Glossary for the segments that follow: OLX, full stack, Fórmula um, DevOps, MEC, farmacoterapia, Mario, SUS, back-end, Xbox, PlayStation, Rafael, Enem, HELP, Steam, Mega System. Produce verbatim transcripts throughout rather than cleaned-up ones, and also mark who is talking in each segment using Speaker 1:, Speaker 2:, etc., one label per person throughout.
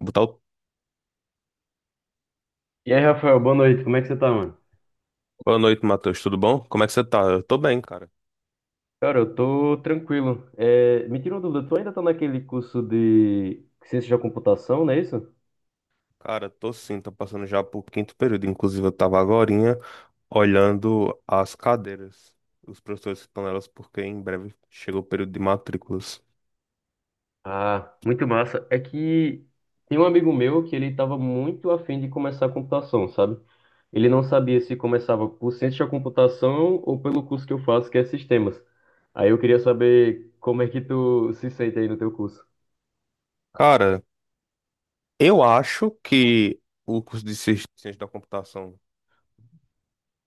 Speaker 1: Botar o...
Speaker 2: E aí, Rafael, boa noite. Como é que você tá, mano?
Speaker 1: Boa noite, Matheus. Tudo bom? Como é que você tá? Eu tô bem, cara.
Speaker 2: Cara, eu tô tranquilo. É, me tira uma dúvida, tu ainda tá naquele curso de ciência da computação, não é isso?
Speaker 1: Cara, tô sim, tô passando já pro quinto período. Inclusive, eu tava agorinha olhando as cadeiras, os professores que estão nelas, porque em breve chega o período de matrículas.
Speaker 2: Ah, muito massa. É que tem um amigo meu que ele tava muito afim de começar a computação, sabe? Ele não sabia se começava por ciência da computação ou pelo curso que eu faço, que é sistemas. Aí eu queria saber como é que tu se sente aí no teu curso.
Speaker 1: Cara, eu acho que o curso de Ci- Ciência da Computação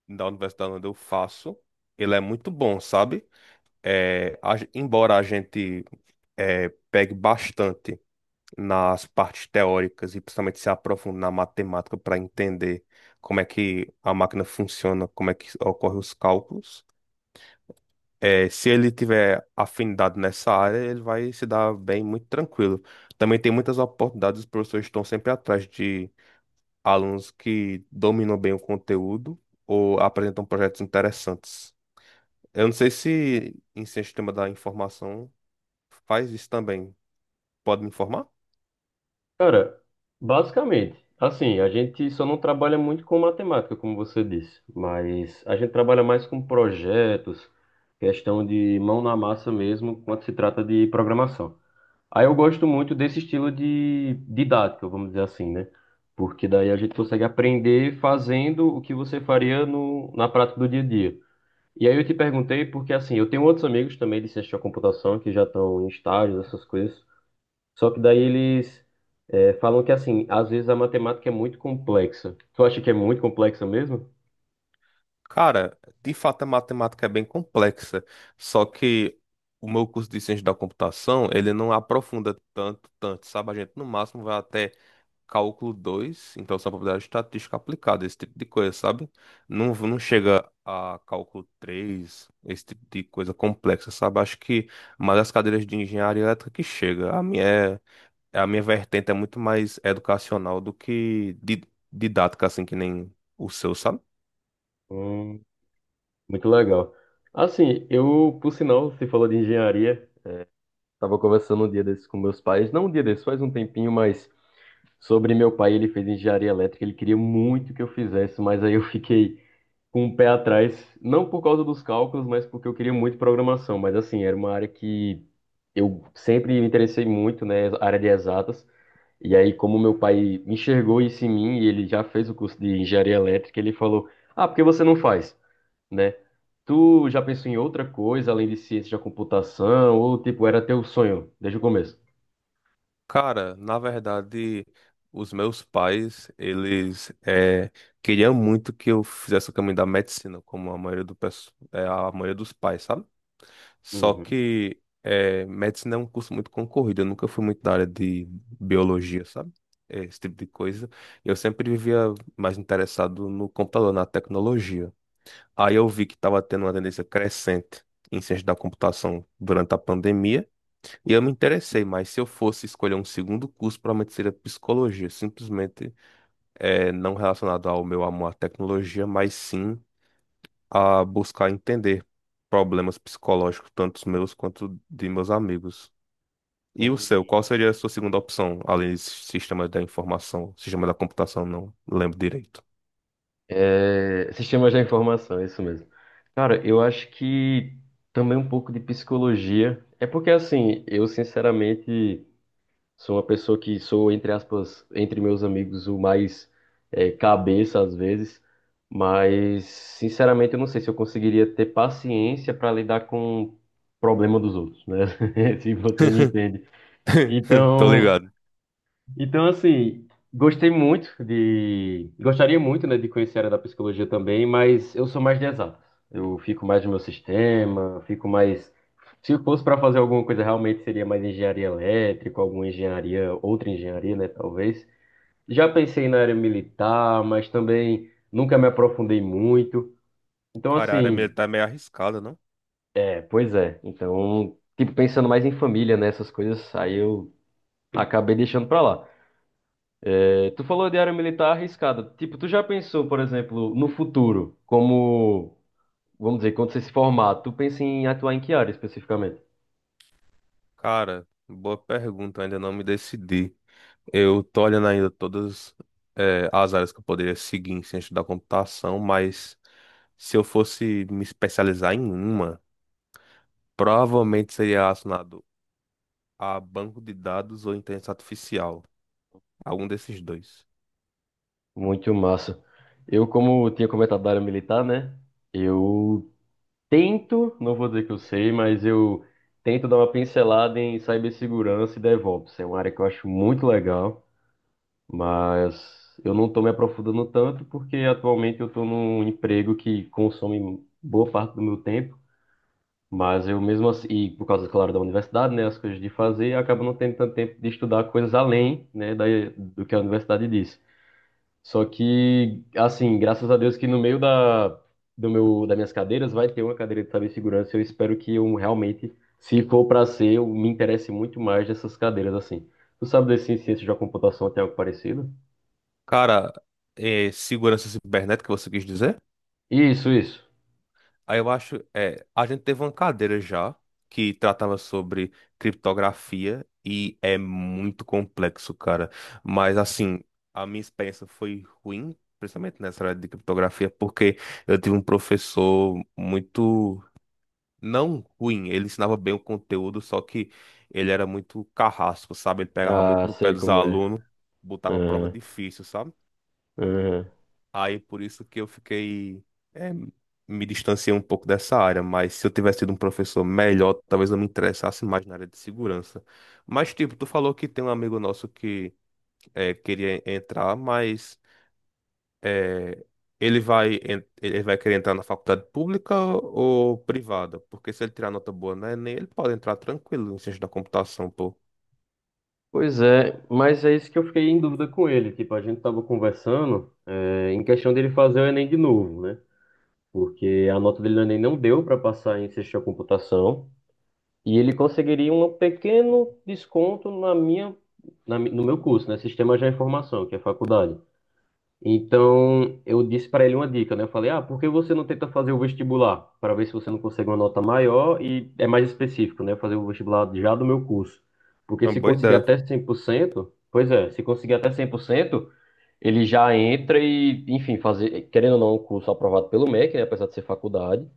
Speaker 1: da Universidade onde eu faço, ele é muito bom, sabe? É, a- embora a gente é, pegue bastante nas partes teóricas e principalmente se aprofundar na matemática para entender como é que a máquina funciona, como é que ocorrem os cálculos. É, se ele tiver afinidade nessa área, ele vai se dar bem muito tranquilo. Também tem muitas oportunidades, os professores estão sempre atrás de alunos que dominam bem o conteúdo ou apresentam projetos interessantes. Eu não sei se em Ciência do sistema da informação faz isso também. Pode me informar?
Speaker 2: Cara, basicamente, assim, a gente só não trabalha muito com matemática, como você disse, mas a gente trabalha mais com projetos, questão de mão na massa mesmo, quando se trata de programação. Aí eu gosto muito desse estilo de didática, vamos dizer assim, né? Porque daí a gente consegue aprender fazendo o que você faria no, na prática do dia a dia. E aí eu te perguntei porque, assim, eu tenho outros amigos também de ciência da computação que já estão em estágios, essas coisas. Só que daí eles é, falam que, assim, às vezes a matemática é muito complexa. Tu acha que é muito complexa mesmo?
Speaker 1: Cara, de fato a matemática é bem complexa, só que o meu curso de ciência da computação, ele não aprofunda tanto, tanto, sabe? A gente no máximo vai até cálculo dois. Então só probabilidade estatística aplicada, esse tipo de coisa, sabe? Não, não chega a cálculo três, esse tipo de coisa complexa, sabe? Acho que mais as cadeiras de engenharia elétrica que chega. A minha, é- a minha vertente é muito mais educacional do que di- didática, assim, que nem o seu, sabe?
Speaker 2: Hum, muito legal. Assim, eu, por sinal, você falou de engenharia, estava conversando um dia desses com meus pais, não um dia desses, faz um tempinho, mas sobre meu pai, ele fez engenharia elétrica, ele queria muito que eu fizesse, mas aí eu fiquei com o pé atrás, não por causa dos cálculos, mas porque eu queria muito programação, mas assim, era uma área que eu sempre me interessei muito, né, área de exatas. E aí, como meu pai enxergou isso em mim e ele já fez o curso de engenharia elétrica, ele falou: Ah, por que você não faz, né? Tu já pensou em outra coisa além de ciência da computação? Ou, tipo, era teu sonho desde o começo?
Speaker 1: Cara, na verdade, os meus pais, eles eh, queriam muito que eu fizesse o caminho da medicina, como a maioria do, pesso- eh, a maioria dos pais, sabe? Só
Speaker 2: Uhum.
Speaker 1: que eh, medicina é um curso muito concorrido, eu nunca fui muito da área de biologia, sabe? Eh, Esse tipo de coisa. Eu sempre vivia mais interessado no computador, na tecnologia. Aí eu vi que estava tendo uma tendência crescente em ciência da computação durante a pandemia. E eu me interessei, mas se eu fosse escolher um segundo curso, provavelmente seria psicologia, simplesmente é, não relacionado ao meu amor à tecnologia, mas sim a buscar entender problemas psicológicos, tanto os meus quanto de meus amigos. E o
Speaker 2: uhum.
Speaker 1: seu, qual seria a sua segunda opção, além de sistema da informação, sistema da computação, não lembro direito.
Speaker 2: É, sistemas da informação, é isso mesmo. Cara, eu acho que também um pouco de psicologia. É porque, assim, eu sinceramente. Sou uma pessoa que sou, entre aspas, entre meus amigos, o mais é, cabeça às vezes, mas sinceramente eu não sei se eu conseguiria ter paciência para lidar com o problema dos outros, né? Se você me entende.
Speaker 1: Tô
Speaker 2: Então,
Speaker 1: ligado.
Speaker 2: então, assim, gostei muito de. Gostaria muito, né, de conhecer a área da psicologia também, mas eu sou mais de exatas. Eu fico mais no meu sistema, fico mais. Se eu fosse para fazer alguma coisa, realmente seria mais engenharia elétrica, alguma engenharia, outra engenharia, né, talvez. Já pensei na área militar, mas também nunca me aprofundei muito. Então,
Speaker 1: Cara, a área
Speaker 2: assim,
Speaker 1: militar é meio arriscada, não?
Speaker 2: é, pois é. Então, tipo, pensando mais em família, né, essas coisas, aí eu acabei deixando para lá. Tu falou de área militar arriscada. Tipo, tu já pensou, por exemplo, no futuro, como, vamos dizer, quando você se formar, tu pensa em atuar em que área especificamente?
Speaker 1: Cara, boa pergunta, ainda não me decidi. Eu tô olhando ainda todas, eh, as áreas que eu poderia seguir em ciência da computação, mas se eu fosse me especializar em uma, provavelmente seria relacionado a banco de dados ou inteligência artificial. Algum desses dois.
Speaker 2: Muito massa. Eu, como tinha comentado da área militar, né? Eu tento, não vou dizer que eu sei, mas eu tento dar uma pincelada em cibersegurança e DevOps. É uma área que eu acho muito legal, mas eu não estou me aprofundando tanto porque atualmente eu estou num emprego que consome boa parte do meu tempo. Mas eu mesmo assim, e por causa, claro, da universidade, né, as coisas de fazer, acaba não tendo tanto tempo de estudar coisas além, né, da, do que a universidade diz. Só que, assim, graças a Deus que no meio da, do meu, das minhas cadeiras vai ter uma cadeira de cibersegurança. Eu espero que eu realmente, se for para ser, eu me interesse muito mais dessas cadeiras, assim. Tu sabe desse em ciência da computação tem algo parecido?
Speaker 1: Cara, eh, segurança cibernética, você quis dizer?
Speaker 2: Isso, isso.
Speaker 1: Aí eu acho, é, a gente teve uma cadeira já que tratava sobre criptografia e é muito complexo, cara. Mas assim, a minha experiência foi ruim, principalmente nessa área de criptografia, porque eu tive um professor muito não ruim, ele ensinava bem o conteúdo, só que ele era muito carrasco, sabe? Ele pegava muito
Speaker 2: Ah,
Speaker 1: no pé
Speaker 2: sei
Speaker 1: dos
Speaker 2: como é.
Speaker 1: alunos, botava prova
Speaker 2: Aham,
Speaker 1: difícil, sabe?
Speaker 2: aham.
Speaker 1: Aí por isso que eu fiquei, é, me distanciei um pouco dessa área, mas se eu tivesse tido um professor melhor, talvez eu me interessasse mais na área de segurança. Mas tipo, tu falou que tem um amigo nosso que é, queria entrar, mas é, ele vai, en- ele vai querer entrar na faculdade pública ou privada? Porque se ele tirar nota boa na Enem, ele pode entrar tranquilo em ciência da computação, pô.
Speaker 2: Pois é, mas é isso que eu fiquei em dúvida com ele. Tipo, a gente tava conversando, é, em questão dele fazer o Enem de novo, né? Porque a nota dele no Enem não deu para passar em ciência da computação e ele conseguiria um pequeno desconto na minha, na mi- no meu curso, né? Sistema de Informação, que é faculdade. Então, eu disse para ele uma dica, né? Eu falei, ah, por que você não tenta fazer o vestibular? Para ver se você não consegue uma nota maior e é mais específico, né? Fazer o vestibular já do meu curso. Porque
Speaker 1: É uma
Speaker 2: se
Speaker 1: boa
Speaker 2: conseguir
Speaker 1: ideia.
Speaker 2: até cem por cento, pois é, se conseguir até cem por cento, ele já entra e, enfim, fazer, querendo ou não, um curso aprovado pelo MEC, né? Apesar de ser faculdade.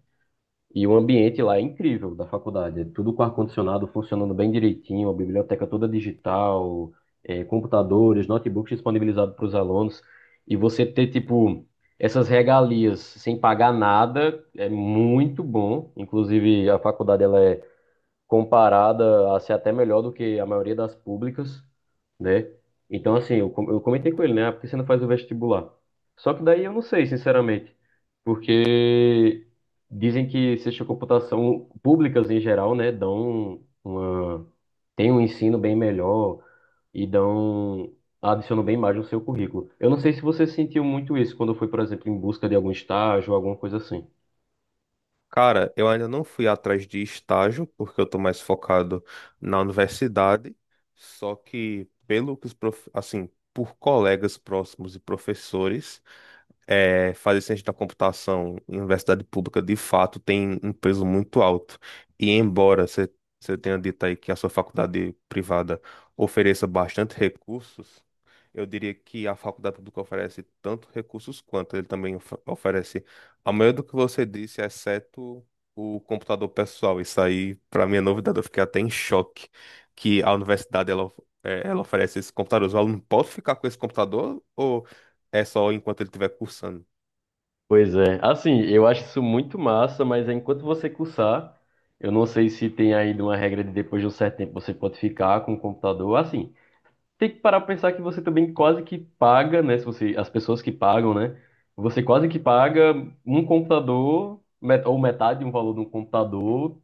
Speaker 2: E o ambiente lá é incrível da faculdade. É tudo com ar-condicionado funcionando bem direitinho, a biblioteca toda digital, é, computadores, notebooks disponibilizados para os alunos. E você ter, tipo, essas regalias sem pagar nada é muito bom. Inclusive, a faculdade ela é comparada a ser até melhor do que a maioria das públicas, né? Então, assim, eu, com- eu comentei com ele, né? Ah, por que você não faz o vestibular? Só que daí eu não sei, sinceramente, porque dizem que ciência de computação públicas em geral, né, dão uma, tem um ensino bem melhor e dão, adicionam bem mais no seu currículo. Eu não sei se você sentiu muito isso quando foi, por exemplo, em busca de algum estágio, alguma coisa assim.
Speaker 1: Cara, eu ainda não fui atrás de estágio, porque eu tô mais focado na universidade, só que pelo que os prof... assim, por colegas próximos e professores, é, fazer ciência da computação em universidade pública, de fato, tem um peso muito alto. E embora você você tenha dito aí que a sua faculdade privada ofereça bastante recursos, eu diria que a faculdade pública oferece tanto recursos quanto ele também of- oferece a maioria do que você disse, exceto o computador pessoal. Isso aí, para mim, é novidade. Eu fiquei até em choque que a universidade ela, of- eh, ela oferece esse computador. O aluno pode ficar com esse computador ou é só enquanto ele estiver cursando?
Speaker 2: Pois é. Assim, eu acho isso muito massa, mas enquanto você cursar, eu não sei se tem ainda uma regra de depois de um certo tempo você pode ficar com o computador. Assim, tem que parar pra pensar que você também quase que paga, né? Se você, as pessoas que pagam, né? Você quase que paga um computador, met- ou metade de um valor de um computador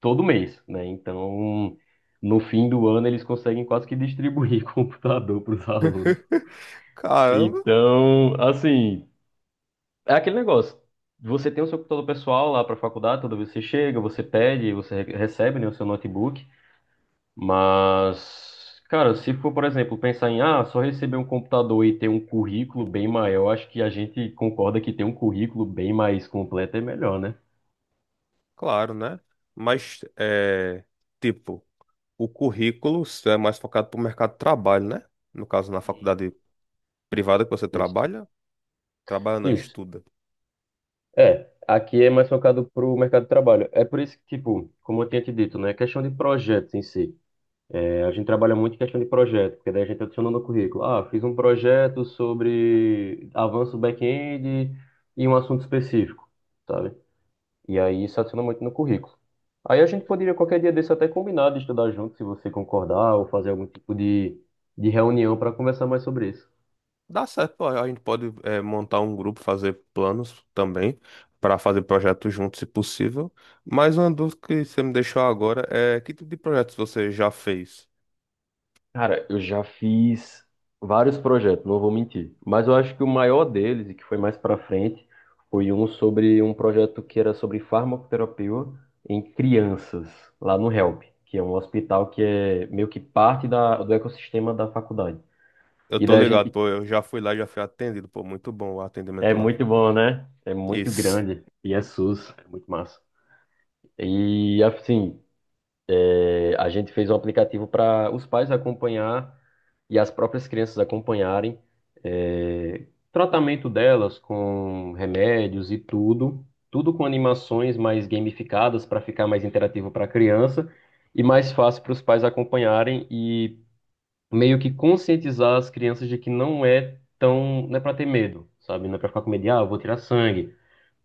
Speaker 2: todo mês, né? Então, no fim do ano, eles conseguem quase que distribuir computador para os alunos.
Speaker 1: Caramba,
Speaker 2: Então, assim. É aquele negócio. Você tem o seu computador pessoal lá para a faculdade, toda vez que você chega, você pede, você re- recebe, né, o seu notebook. Mas, cara, se for, por exemplo, pensar em, ah, só receber um computador e ter um currículo bem maior, acho que a gente concorda que ter um currículo bem mais completo é melhor, né?
Speaker 1: claro, né? Mas é tipo, o currículo é mais focado para o mercado de trabalho, né? No caso, na faculdade privada que você
Speaker 2: Isso.
Speaker 1: trabalha, trabalha não,
Speaker 2: Isso.
Speaker 1: estuda.
Speaker 2: É, aqui é mais focado para o mercado de trabalho. É por isso que, tipo, como eu tinha te dito, né, questão de projetos em si. É, A gente trabalha muito em questão de projeto, porque daí a gente adiciona no currículo. Ah, fiz um projeto sobre avanço back-end e um assunto específico, sabe? E aí isso adiciona muito no currículo. Aí a gente poderia qualquer dia desse até combinar de estudar junto, se você concordar, ou fazer algum tipo de, de reunião para conversar mais sobre isso.
Speaker 1: Dá certo, a a gente pode é, montar um grupo, fazer planos também para fazer projetos juntos, se possível. Mas uma dúvida que você me deixou agora é que tipo de projetos você já fez?
Speaker 2: Cara, eu já fiz vários projetos, não vou mentir. Mas eu acho que o maior deles, e que foi mais pra frente, foi um sobre um projeto que era sobre farmacoterapia em crianças, lá no HELP, que é um hospital que é meio que parte da, do ecossistema da faculdade.
Speaker 1: Eu
Speaker 2: E
Speaker 1: tô
Speaker 2: daí a
Speaker 1: ligado,
Speaker 2: gente.
Speaker 1: pô, eu já fui lá, já fui atendido, pô, muito bom o
Speaker 2: É
Speaker 1: atendimento lá.
Speaker 2: muito bom, né? É muito
Speaker 1: Isso.
Speaker 2: grande. E é SUS, é muito massa. E assim, é, a gente fez um aplicativo para os pais acompanhar e as próprias crianças acompanharem é, tratamento delas com remédios e tudo, tudo com animações mais gamificadas para ficar mais interativo para a criança e mais fácil para os pais acompanharem e meio que conscientizar as crianças de que não é tão, não é para ter medo, sabe? Não é para ficar com medo de, ah, eu vou tirar sangue,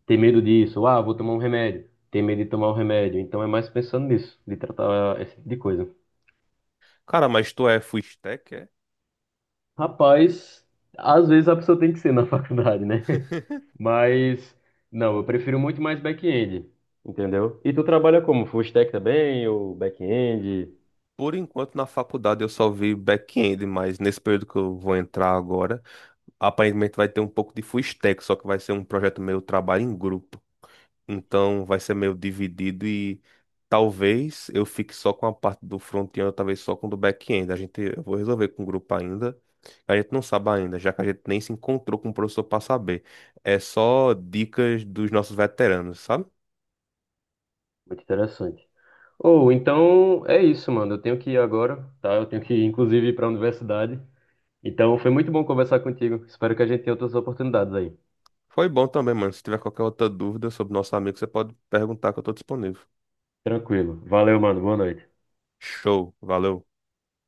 Speaker 2: ter medo disso, ah, vou tomar um remédio, ter medo de tomar um remédio. Então é mais pensando nisso, de tratar esse tipo de coisa.
Speaker 1: Cara, mas tu é full stack? É?
Speaker 2: Rapaz, às vezes a pessoa tem que ser na faculdade, né? Mas, não, eu prefiro muito mais back-end, entendeu? E tu trabalha como? Full stack também, ou back-end?
Speaker 1: Por enquanto, na faculdade eu só vi back-end, mas nesse período que eu vou entrar agora, aparentemente vai ter um pouco de full stack, só que vai ser um projeto meio trabalho em grupo. Então vai ser meio dividido e talvez eu fique só com a parte do front-end, ou talvez só com o do back-end. A gente, eu vou resolver com o grupo ainda. A gente não sabe ainda, já que a gente nem se encontrou com o professor para saber. É só dicas dos nossos veteranos, sabe?
Speaker 2: Muito interessante. Ou, então, é isso, mano. Eu tenho que ir agora, tá? Eu tenho que, inclusive, ir inclusive, para a universidade. Então, foi muito bom conversar contigo. Espero que a gente tenha outras oportunidades aí.
Speaker 1: Foi bom também, mano. Se tiver qualquer outra dúvida sobre nosso amigo, você pode perguntar que eu estou disponível.
Speaker 2: Tranquilo. Valeu, mano. Boa noite.
Speaker 1: Show, valeu.